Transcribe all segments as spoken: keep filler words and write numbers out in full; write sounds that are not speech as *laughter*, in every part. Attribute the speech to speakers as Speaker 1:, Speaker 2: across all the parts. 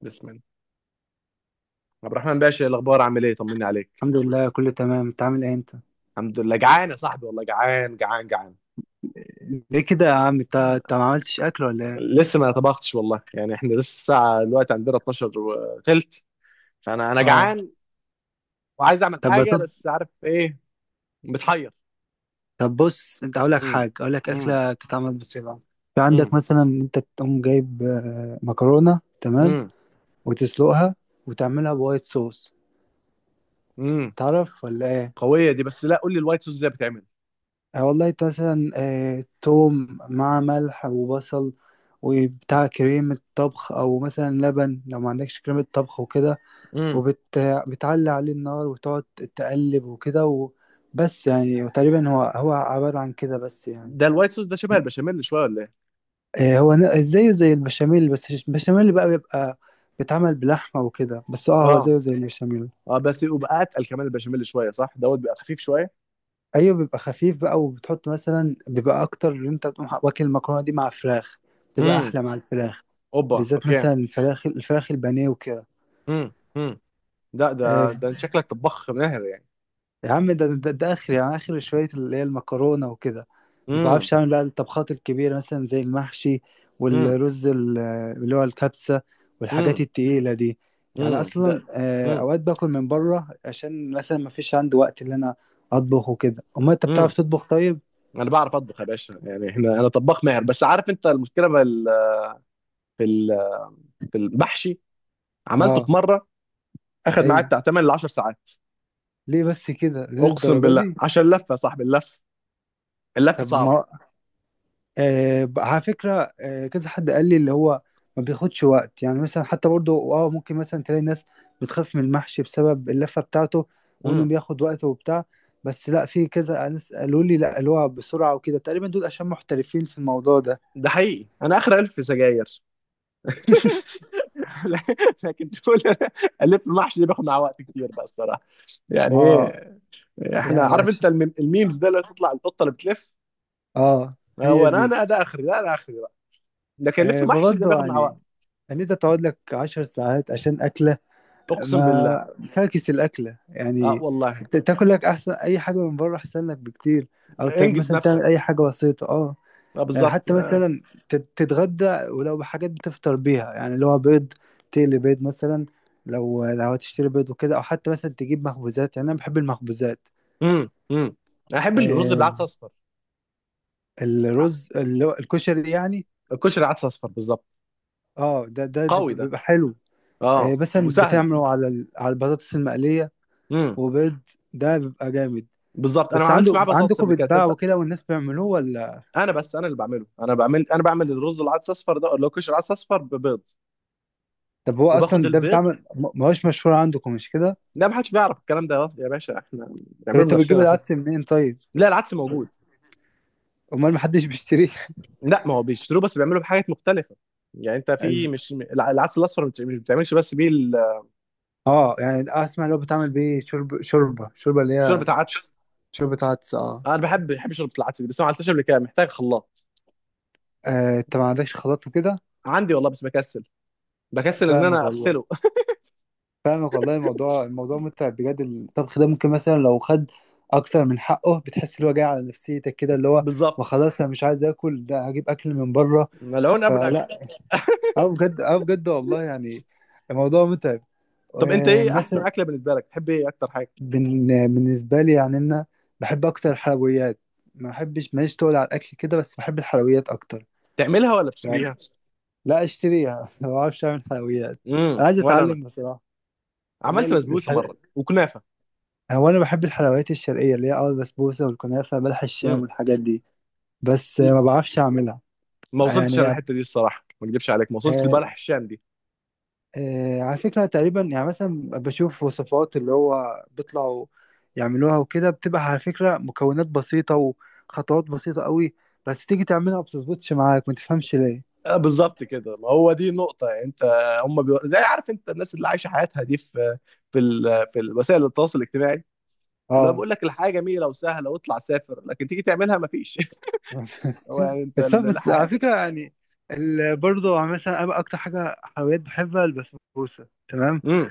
Speaker 1: بسم الله. عبد الرحمن باشا، إيه الاخبار؟ عامل ايه؟ طمني عليك.
Speaker 2: الحمد لله، كله تمام. انت عامل ايه انت؟
Speaker 1: الحمد لله جعان يا صاحبي، والله جعان جعان جعان.
Speaker 2: ليه كده يا عم؟ انت انت ما عملتش اكل ولا ايه؟
Speaker 1: لسه ما طبختش والله، يعني احنا لسه الساعه دلوقتي عندنا اتناشر وثلث. فانا انا
Speaker 2: اه.
Speaker 1: جعان وعايز اعمل
Speaker 2: طب
Speaker 1: حاجه،
Speaker 2: بطل...
Speaker 1: بس عارف ايه؟ متحير.
Speaker 2: طب بص، انت اقول لك
Speaker 1: امم
Speaker 2: حاجه، اقول لك
Speaker 1: امم
Speaker 2: اكله بتتعمل بسرعه. في عندك
Speaker 1: امم
Speaker 2: مثلا إن انت تقوم جايب آه، مكرونه، تمام؟
Speaker 1: امم
Speaker 2: وتسلقها وتعملها بوايت صوص.
Speaker 1: امم
Speaker 2: تعرف ولا ايه؟
Speaker 1: قويه دي، بس لا، قول لي الوايت صوص ازاي بتعمل؟
Speaker 2: آه والله، انت مثلا آه توم مع ملح وبصل وبتاع، كريمه طبخ او مثلا لبن لو ما عندكش كريمه طبخ وكده،
Speaker 1: امم
Speaker 2: وبتعلي عليه النار وتقعد تقلب وكده و- بس يعني تقريبا هو هو عبارة عن كده، بس يعني.
Speaker 1: ده الوايت صوص ده شبه البشاميل شويه ولا ايه؟
Speaker 2: آه، هو ن- زيه زي البشاميل، بس مش- البشاميل بقى بيبقى بيتعمل بلحمة وكده، بس اه هو
Speaker 1: اه.
Speaker 2: زيه زي البشاميل.
Speaker 1: اه بس يبقى اتقل كمان البشاميل شويه، صح؟ دوت بيبقى خفيف شويه.
Speaker 2: ايوه، بيبقى خفيف بقى، وبتحط مثلا بيبقى اكتر، اللي انت بتقوم واكل المكرونة دي مع فراخ بتبقى
Speaker 1: امم
Speaker 2: احلى مع الفراخ.
Speaker 1: اوبا،
Speaker 2: بالذات
Speaker 1: اوكي.
Speaker 2: مثلا الفراخ الفراخ البانيه وكده.
Speaker 1: امم لا،
Speaker 2: آه،
Speaker 1: ده ده انت شكلك طباخ ماهر يعني.
Speaker 2: يا عم، ده ده, ده اخر، يعني اخر شويه، اللي هي المكرونه وكده. ما
Speaker 1: امم
Speaker 2: بعرفش اعمل بقى الطبخات الكبيره، مثلا زي المحشي
Speaker 1: امم
Speaker 2: والرز ال- اللي هو الكبسه
Speaker 1: امم
Speaker 2: والحاجات التقيله دي. يعني
Speaker 1: امم ده
Speaker 2: اصلا آه،
Speaker 1: امم
Speaker 2: اوقات باكل من بره عشان مثلا ما فيش عندي وقت اللي انا اطبخ وكده. امال انت بتعرف
Speaker 1: امم
Speaker 2: تطبخ طيب؟
Speaker 1: انا بعرف اطبخ يا باشا، يعني احنا، انا طباخ ماهر. بس عارف انت المشكله في ال- في ال- في المحشي، عملته
Speaker 2: اه.
Speaker 1: في مره اخد
Speaker 2: اي.
Speaker 1: معايا بتاع تمانية ل عشر ساعات.
Speaker 2: ليه بس كده؟ ليه
Speaker 1: اقسم
Speaker 2: الدرجه
Speaker 1: بالله
Speaker 2: دي؟
Speaker 1: عشان اللفه يا صاحبي، اللف اللف
Speaker 2: طب
Speaker 1: صعب.
Speaker 2: ما آه ب- على فكرة، آه كذا حد قال لي اللي هو ما بياخدش وقت، يعني مثلا حتى برضو اه ممكن مثلا تلاقي ناس بتخاف من المحشي بسبب اللفة بتاعته، وانه
Speaker 1: امم
Speaker 2: بياخد وقت وبتاع. بس لا، في كذا ناس قالوا لي لا، اللي هو بسرعة وكده، تقريبا دول عشان محترفين في الموضوع ده.
Speaker 1: ده حقيقي، انا اخر الف في سجاير.
Speaker 2: *laughs*
Speaker 1: *laughs* لكن تقول، الف المحشي دي بياخد معاه وقت كتير بقى الصراحه، يعني
Speaker 2: ما
Speaker 1: ايه؟ احنا
Speaker 2: يعني
Speaker 1: عارف
Speaker 2: عش...
Speaker 1: انت الميم- الميمز ده اللي تطلع القطه اللي بتلف.
Speaker 2: اه.
Speaker 1: آه،
Speaker 2: هي
Speaker 1: هو انا
Speaker 2: دي.
Speaker 1: انا ده اخري، ده انا اخري بقى. لكن لف
Speaker 2: آه
Speaker 1: محشي ده
Speaker 2: برضو
Speaker 1: بياخد مع
Speaker 2: يعني،
Speaker 1: وقت.
Speaker 2: ان انت تقعد لك عشر ساعات عشان اكلة؟
Speaker 1: اقسم بالله.
Speaker 2: ما فاكس الأكلة
Speaker 1: اه
Speaker 2: يعني.
Speaker 1: والله.
Speaker 2: ت- تاكل لك أحسن، أي حاجة من بره أحسن لك بكتير، أو ت-
Speaker 1: انجز
Speaker 2: مثلا تعمل
Speaker 1: نفسك.
Speaker 2: أي حاجة بسيطة أه
Speaker 1: اه
Speaker 2: يعني
Speaker 1: بالظبط.
Speaker 2: حتى
Speaker 1: آه.
Speaker 2: مثلا تت- تتغدى ولو بحاجات بتفطر بيها، يعني اللي هو بيض، تقلي بيض مثلا. لو لو هتشتري بيض وكده، أو حتى مثلا تجيب مخبوزات. يعني أنا بحب المخبوزات.
Speaker 1: امم امم انا احب الرز بالعدس
Speaker 2: آه
Speaker 1: اصفر. آه،
Speaker 2: الرز اللي هو الكشري يعني.
Speaker 1: الكشري عدس اصفر بالظبط،
Speaker 2: أه، ده ده ده
Speaker 1: قوي ده.
Speaker 2: بيبقى حلو.
Speaker 1: اه
Speaker 2: آه مثلا
Speaker 1: وسهل.
Speaker 2: بتعمله على ال- على البطاطس المقلية
Speaker 1: امم
Speaker 2: وبيض، ده بيبقى جامد.
Speaker 1: بالظبط، انا ما
Speaker 2: بس
Speaker 1: عملتش
Speaker 2: عنده
Speaker 1: معاه بطاطس
Speaker 2: عندكم
Speaker 1: قبل كده
Speaker 2: بيتباع
Speaker 1: تصدق.
Speaker 2: وكده والناس بيعملوه ولا؟
Speaker 1: انا بس انا اللي بعمله انا بعمل انا بعمل الرز العدس اصفر ده اللي هو كشري عدس اصفر ببيض،
Speaker 2: طب هو
Speaker 1: وباخد
Speaker 2: اصلا ده
Speaker 1: البيض.
Speaker 2: بيتعمل، ما ما هوش مشهور عندكم، مش كده؟
Speaker 1: لا، ما حدش بيعرف الكلام ده يا باشا، احنا
Speaker 2: طب
Speaker 1: بنعمله
Speaker 2: انت بتجيب
Speaker 1: بنفسنا احنا.
Speaker 2: العدس منين طيب؟
Speaker 1: لا، العدس موجود.
Speaker 2: امال محدش بيشتريه؟
Speaker 1: لا، ما هو بيشتروه بس بيعملوا بحاجات مختلفه. يعني انت
Speaker 2: *laughs*
Speaker 1: في،
Speaker 2: إز-
Speaker 1: مش الع- العدس الاصفر مش مش بتعملش بس بيه ال-
Speaker 2: اه، يعني اسمع، اللي هو بتعمل بيه شرب، شوربه شوربه اللي هي
Speaker 1: شوربه عدس.
Speaker 2: شوربه عدس، اه.
Speaker 1: انا بحب بحب شوربه العدس دي، بس ما عملتهاش قبل كده، محتاج خلاط.
Speaker 2: آه، انت ما عندكش خلاط وكده.
Speaker 1: عندي والله، بس بكسل، بكسل ان
Speaker 2: فاهمك
Speaker 1: انا
Speaker 2: والله،
Speaker 1: اغسله. *laughs*
Speaker 2: فاهمك والله. الموضوع الموضوع متعب بجد، الطبخ ده. ممكن مثلا لو خد اكتر من حقه، بتحس اللي هو جاي على نفسيتك كده، اللي هو
Speaker 1: بالظبط.
Speaker 2: وخلاص، انا مش عايز اكل ده، هجيب اكل من بره.
Speaker 1: ملعون قبل الاكل.
Speaker 2: فلا، اه بجد، اه بجد والله، يعني الموضوع متعب.
Speaker 1: طب انت ايه احسن
Speaker 2: ومثلا،
Speaker 1: اكله بالنسبه لك؟ تحب ايه اكتر حاجه؟
Speaker 2: بن- بالنسبة لي يعني، أنا بحب أكتر الحلويات. ما بحبش، ماليش تقول على الأكل كده، بس بحب الحلويات أكتر.
Speaker 1: تعملها ولا
Speaker 2: يعني
Speaker 1: بتشتريها؟
Speaker 2: لا، أشتريها. *laughs* ما بعرفش أعمل حلويات.
Speaker 1: امم
Speaker 2: أنا عايز
Speaker 1: ولا انا،
Speaker 2: أتعلم بصراحة. اللي هي
Speaker 1: عملت بسبوسه مره
Speaker 2: الحل...
Speaker 1: وكنافه.
Speaker 2: هو أنا بحب الحلويات الشرقية، اللي هي أه البسبوسة والكنافة بلح الشام
Speaker 1: امم
Speaker 2: والحاجات دي، بس
Speaker 1: ل-
Speaker 2: ما بعرفش أعملها.
Speaker 1: ما وصلتش انا
Speaker 2: يعني
Speaker 1: الحته دي الصراحه، ما اكذبش عليك، ما وصلتش
Speaker 2: آه،
Speaker 1: لبلح الشام.
Speaker 2: آه، على فكرة، تقريبا يعني، مثلا بشوف وصفات اللي هو بيطلعوا يعملوها وكده، بتبقى على فكرة مكونات بسيطة، وخطوات بسيطة قوي. بس تيجي تعملها ما بتظبطش معاك، ما تفهمش ليه.
Speaker 1: آه، بالظبط كده، ما هو دي النقطة. يعني انت، هم بيو... زي، عارف انت، الناس اللي عايشة حياتها دي في، في ال... في وسائل التواصل الاجتماعي، اللي هو
Speaker 2: اه.
Speaker 1: بيقول لك الحياة جميلة وسهلة واطلع سافر، لكن تيجي تعملها ما فيش.
Speaker 2: *laughs*
Speaker 1: *laughs* هو يعني انت
Speaker 2: بس
Speaker 1: ال-
Speaker 2: بس على
Speaker 1: الحياة.
Speaker 2: فكرة يعني، ال- برضه مثلا أنا أكتر حاجة حلويات بحبها البسبوسة، تمام؟
Speaker 1: امم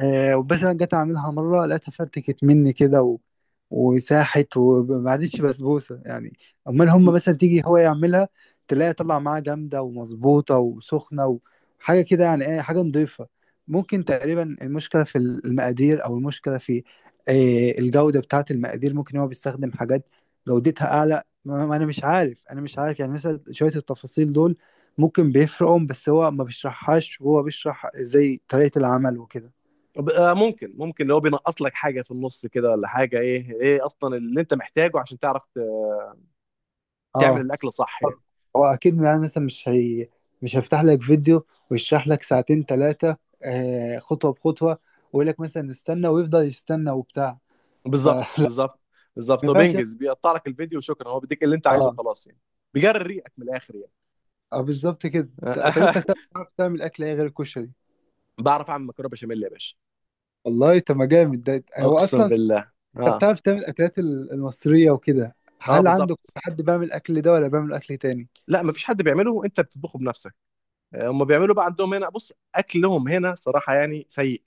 Speaker 2: آه، وبس انا جيت اعملها مره، لقيتها فرتكت مني كده و... وساحت، وما عادتش بسبوسه يعني. امال هم مثلا تيجي هو يعملها، تلاقي طلع معاها جامده ومظبوطه وسخنه وحاجه كده. يعني ايه؟ حاجه نضيفه. ممكن تقريبا المشكله في المقادير، او المشكله في آه، الجوده بتاعه المقادير، ممكن هو بيستخدم حاجات جودتها اعلى، ما ما انا مش عارف انا مش عارف يعني، مثلا شويه التفاصيل دول ممكن بيفرقهم، بس هو ما بيشرحهاش، وهو بيشرح زي طريقه العمل وكده.
Speaker 1: ممكن ممكن اللي هو بينقص لك حاجة في النص كده ولا حاجة؟ ايه ايه اصلا اللي انت محتاجه عشان تعرف ت- تعمل
Speaker 2: اه،
Speaker 1: الاكل صح يعني؟
Speaker 2: هو اكيد يعني، مثلا مش هي مش هيفتح لك فيديو ويشرح لك ساعتين ثلاثه، آه خطوه بخطوه، ويقول لك مثلا استنى، ويفضل يستنى وبتاع.
Speaker 1: بالظبط
Speaker 2: فلا.
Speaker 1: بالظبط
Speaker 2: *laughs* ما
Speaker 1: بالظبط، هو
Speaker 2: ينفعش يعني.
Speaker 1: بينجز، بيقطع لك الفيديو وشكرا، هو بيديك اللي انت عايزه
Speaker 2: اه.
Speaker 1: خلاص يعني. بيجري ريقك من الاخر يعني.
Speaker 2: اه بالظبط كده. ط- طب انت
Speaker 1: *laughs*
Speaker 2: بتعرف تعمل اكل ايه غير الكشري؟
Speaker 1: بعرف اعمل مكرونه بشاميل يا باشا.
Speaker 2: والله طب، ما جامد ده هو
Speaker 1: اقسم
Speaker 2: اصلا.
Speaker 1: بالله.
Speaker 2: انت
Speaker 1: اه.
Speaker 2: بتعرف تعمل الاكلات ال- المصريه وكده.
Speaker 1: اه
Speaker 2: هل عندك
Speaker 1: بالظبط.
Speaker 2: حد بيعمل الاكل ده ولا بيعمل اكل تاني؟
Speaker 1: لا مفيش حد بيعمله، انت بتطبخه بنفسك. آه، هم بيعملوا بقى عندهم هنا، بص، اكلهم هنا صراحه يعني سيء.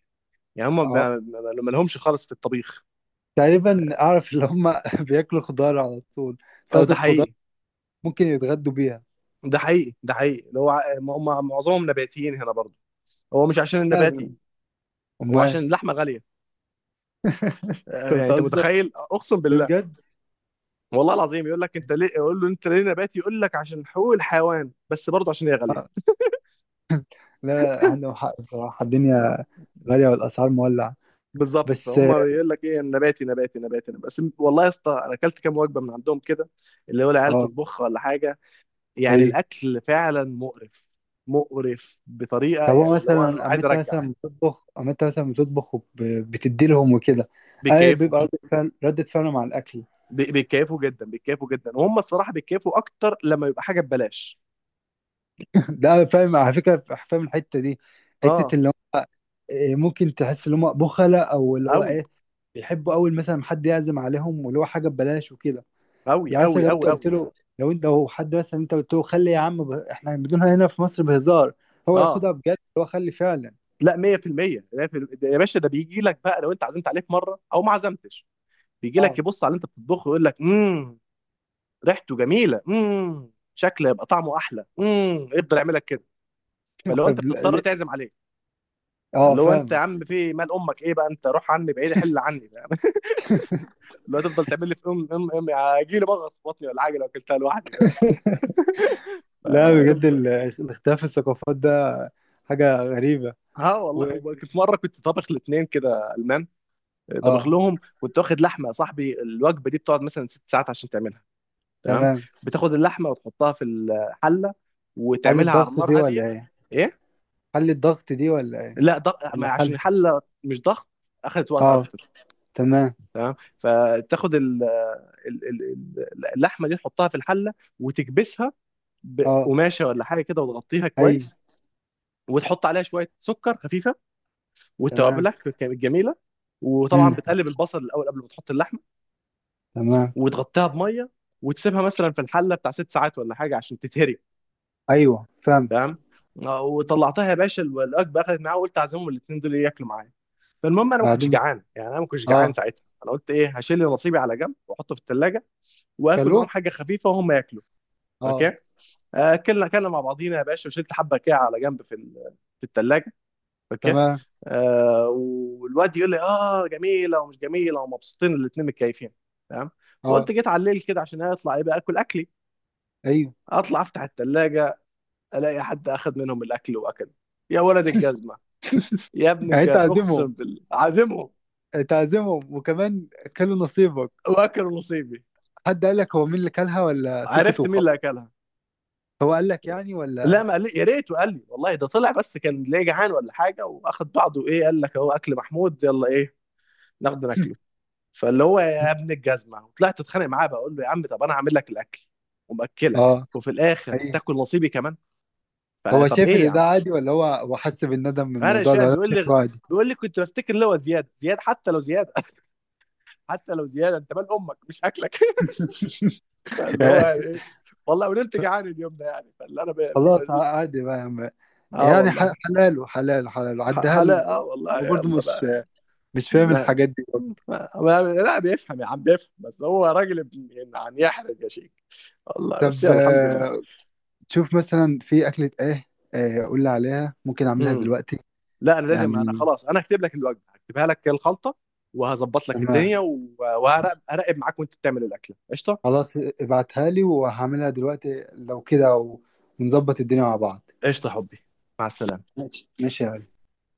Speaker 1: يعني هم
Speaker 2: اه.
Speaker 1: ما ما- ما لهمش خالص في الطبيخ.
Speaker 2: تقريبا اعرف اللي هم *laughs* بياكلوا خضار على طول،
Speaker 1: آه، ده
Speaker 2: سلطه خضار،
Speaker 1: حقيقي
Speaker 2: ممكن يتغدوا بيها.
Speaker 1: ده حقيقي ده حقيقي، اللي هو ع- هم معظمهم نباتيين هنا برضه. هو مش عشان النباتي، هو
Speaker 2: امال؟
Speaker 1: عشان اللحمه غاليه.
Speaker 2: *laughs*
Speaker 1: آه،
Speaker 2: انت
Speaker 1: يعني انت
Speaker 2: بتهزر؟
Speaker 1: متخيل، اقسم
Speaker 2: ده
Speaker 1: بالله.
Speaker 2: بجد.
Speaker 1: والله العظيم يقول لك انت ليه، يقول له انت ليه نباتي، يقول لك عشان حقوق الحيوان، بس برضه عشان هي غاليه.
Speaker 2: آه، لا عندهم حق بصراحه، الدنيا غاليه والاسعار مولعه.
Speaker 1: بالظبط،
Speaker 2: بس.
Speaker 1: فهم بيقول لك ايه؟ نباتي، نباتي، نباتي، نباتي. بس والله يا اسطى، انا اكلت كام وجبه من عندهم كده، اللي هو العيال
Speaker 2: اه،
Speaker 1: تطبخها ولا حاجه، يعني
Speaker 2: ايه،
Speaker 1: الاكل فعلا مقرف. مقرف بطريقه،
Speaker 2: طب هو
Speaker 1: يعني اللي هو انا
Speaker 2: مثلا اما
Speaker 1: عايز
Speaker 2: انت
Speaker 1: ارجع.
Speaker 2: مثلا بتطبخ اما انت مثلا بتطبخ وبتدي لهم وكده. اه،
Speaker 1: بيكيفوا،
Speaker 2: بيبقى ردة فعل ردة فعلهم على الاكل.
Speaker 1: بي- بيكيفوا جدا، بيكيفوا جدا، وهم الصراحه بيكيفوا اكتر لما يبقى حاجه ببلاش.
Speaker 2: *laughs* ده فاهم على فكره، فاهم الحته دي، حته
Speaker 1: اه.
Speaker 2: اللي هم إيه، ممكن تحس ان هم بخلة، او اللي هو
Speaker 1: قوي،
Speaker 2: ايه، بيحبوا اول مثلا حد يعزم عليهم، واللي هو حاجه ببلاش وكده.
Speaker 1: قوي،
Speaker 2: يعني
Speaker 1: قوي،
Speaker 2: مثلا لو
Speaker 1: قوي،
Speaker 2: انت قلت
Speaker 1: قوي.
Speaker 2: له لو انت لو حد مثلا انت قلت له خلي يا عم ب... احنا بنقولها هنا في مصر بهزار، هو
Speaker 1: اه.
Speaker 2: ياخدها بجد، هو خلي فعلا.
Speaker 1: لا مية بالمية مية بالمية ده يا باشا. ده بيجي لك بقى، لو انت عزمت عليه في مره او ما عزمتش، بيجي لك
Speaker 2: اه.
Speaker 1: يبص على اللي انت بتطبخه ويقول لك: امم، ريحته جميله، امم، شكله يبقى طعمه احلى، امم، يفضل يعملك كده.
Speaker 2: *laughs*
Speaker 1: فلو انت
Speaker 2: طب ل-
Speaker 1: بتضطر
Speaker 2: ل-
Speaker 1: تعزم عليه،
Speaker 2: اه
Speaker 1: اللي هو انت يا
Speaker 2: فاهمك.
Speaker 1: عم في إيه؟ مال امك ايه بقى انت؟ روح عني بعيد، حل عني، فاهم؟ *laughs* اللي هو تفضل تعمل لي في ام ام ام هيجي لي بغص في بطني ولا حاجه لو اكلتها لوحدي، فاهم؟
Speaker 2: لا بجد،
Speaker 1: فيفضل.
Speaker 2: ال- الاختلاف في الثقافات ده حاجة غريبة.
Speaker 1: اه
Speaker 2: و...
Speaker 1: والله. وبك- في مره كنت طابخ لاثنين كده المان. طابخ
Speaker 2: اه،
Speaker 1: لهم، كنت واخد لحمه يا صاحبي، الوجبه دي بتقعد مثلا ست ساعات عشان تعملها، تمام؟
Speaker 2: تمام.
Speaker 1: بتاخد اللحمه وتحطها في الحله،
Speaker 2: حل
Speaker 1: وتعملها على
Speaker 2: الضغط
Speaker 1: نار
Speaker 2: دي ولا
Speaker 1: هاديه.
Speaker 2: ايه؟
Speaker 1: ايه.
Speaker 2: حل الضغط دي ولا ايه؟
Speaker 1: لا ضغط، ما
Speaker 2: ولا
Speaker 1: عشان
Speaker 2: حل.
Speaker 1: الحله مش ضغط، اخذت وقت
Speaker 2: اه،
Speaker 1: اكتر.
Speaker 2: تمام.
Speaker 1: تمام. فتاخد ال- ال- ال- ال- اللحمه دي تحطها في الحله، وتكبسها
Speaker 2: اه،
Speaker 1: بقماشه ولا حاجه كده، وتغطيها
Speaker 2: اي،
Speaker 1: كويس، وتحط عليها شويه سكر خفيفه،
Speaker 2: تمام،
Speaker 1: وتوابلك كانت جميله. وطبعا
Speaker 2: امم،
Speaker 1: بتقلب البصل الاول قبل ما تحط اللحمه،
Speaker 2: تمام.
Speaker 1: وتغطيها بميه، وتسيبها مثلا في الحله بتاع ست ساعات ولا حاجه عشان تتهري.
Speaker 2: ايوه، فاهمك.
Speaker 1: آه، وطلعتها يا باشا، الوجبه اخذت معايا، وقلت اعزمهم الاثنين دول ياكلوا معايا. فالمهم، انا ما كنتش
Speaker 2: بعدين.
Speaker 1: جعان، يعني انا ما كنتش جعان
Speaker 2: اه.
Speaker 1: ساعتها، انا قلت ايه، هشيل نصيبي على جنب واحطه في الثلاجه، واكل
Speaker 2: كلو.
Speaker 1: معاهم حاجه خفيفه وهم ياكلوا. اوكي.
Speaker 2: اه،
Speaker 1: آه، اكلنا اكلنا مع بعضينا يا باشا، وشلت حبه كده على جنب في ال- في الثلاجه. اوكي.
Speaker 2: تمام.
Speaker 1: آه. والواد يقول لي اه جميله، ومش جميله، ومبسوطين الاثنين، متكيفين. تمام.
Speaker 2: اه،
Speaker 1: فقلت، جيت على الليل كده عشان اطلع يبقى اكل اكلي،
Speaker 2: ايوه،
Speaker 1: اطلع افتح الثلاجه، الاقي حد اخذ منهم الاكل واكل. يا ولد الجزمه، يا ابن
Speaker 2: يعني انت
Speaker 1: الجاز، اقسم
Speaker 2: عازمهم،
Speaker 1: بالله عازمهم
Speaker 2: تعزمهم، وكمان كلوا نصيبك.
Speaker 1: واكلوا نصيبي.
Speaker 2: حد قال لك هو مين اللي كلها، ولا سكت
Speaker 1: عرفت مين اللي
Speaker 2: وخلاص؟
Speaker 1: اكلها.
Speaker 2: هو قال لك يعني
Speaker 1: لا
Speaker 2: ولا؟
Speaker 1: ما قال لي، يا ريت، وقال لي والله ده طلع بس كان ليه جعان ولا حاجه، واخد بعضه، ايه قال لك: اهو اكل محمود، يلا ايه، ناخده ناكله. فاللي هو، يا ابن الجزمه، وطلعت اتخانق معاه، بقول له: يا عم طب انا هعمل لك الاكل ومأكلك،
Speaker 2: اه.
Speaker 1: وفي الاخر
Speaker 2: ايوه.
Speaker 1: تاكل نصيبي كمان،
Speaker 2: هو
Speaker 1: فطب
Speaker 2: شايف
Speaker 1: ايه يا
Speaker 2: ان ده
Speaker 1: عم؟
Speaker 2: عادي، ولا هو هو حس بالندم من
Speaker 1: انا مش
Speaker 2: الموضوع
Speaker 1: فاهم،
Speaker 2: ده ولا
Speaker 1: بيقول لي
Speaker 2: شايفه عادي؟
Speaker 1: بيقول لي كنت بفتكر اللي هو زياد زياد، حتى لو زياد. *laughs* حتى لو زياد، انت مال امك؟ مش اكلك. *laughs* فاللي هو يعني ايه؟
Speaker 2: *laughs*
Speaker 1: والله ونمت جعان اليوم ده يعني، فاللي انا ب...
Speaker 2: خلاص عادي بقى يا عم.
Speaker 1: اه
Speaker 2: يعني
Speaker 1: والله.
Speaker 2: ح- حلاله حلاله حلاله،
Speaker 1: ح-
Speaker 2: عدها له.
Speaker 1: حلاقة. آه والله
Speaker 2: هو برضه
Speaker 1: يلا
Speaker 2: مش
Speaker 1: بقى.
Speaker 2: مش فاهم
Speaker 1: انا
Speaker 2: الحاجات دي برضه.
Speaker 1: ما- ما- لا بيفهم يا عم، بيفهم بس هو راجل ابن ابن عن يحرج يا شيخ، والله. بس
Speaker 2: طب
Speaker 1: يلا الحمد لله.
Speaker 2: آه، تشوف مثلا في أكلة إيه، آه، قول لي عليها، ممكن أعملها
Speaker 1: امم
Speaker 2: دلوقتي.
Speaker 1: لا انا لازم، انا
Speaker 2: يعني
Speaker 1: خلاص انا هكتب لك الوجبه، هكتبها لك الخلطه، وهظبط لك الدنيا،
Speaker 2: تمام.
Speaker 1: و- وهراقب أراقب معاك وانت بتعمل الاكله، قشطه.
Speaker 2: خلاص ابعتها لي، وهعملها دلوقتي لو كده و- ونظبط الدنيا مع بعض.
Speaker 1: قشطه يا حبي. مع السلامه.
Speaker 2: ماشي ماشي يا غالي.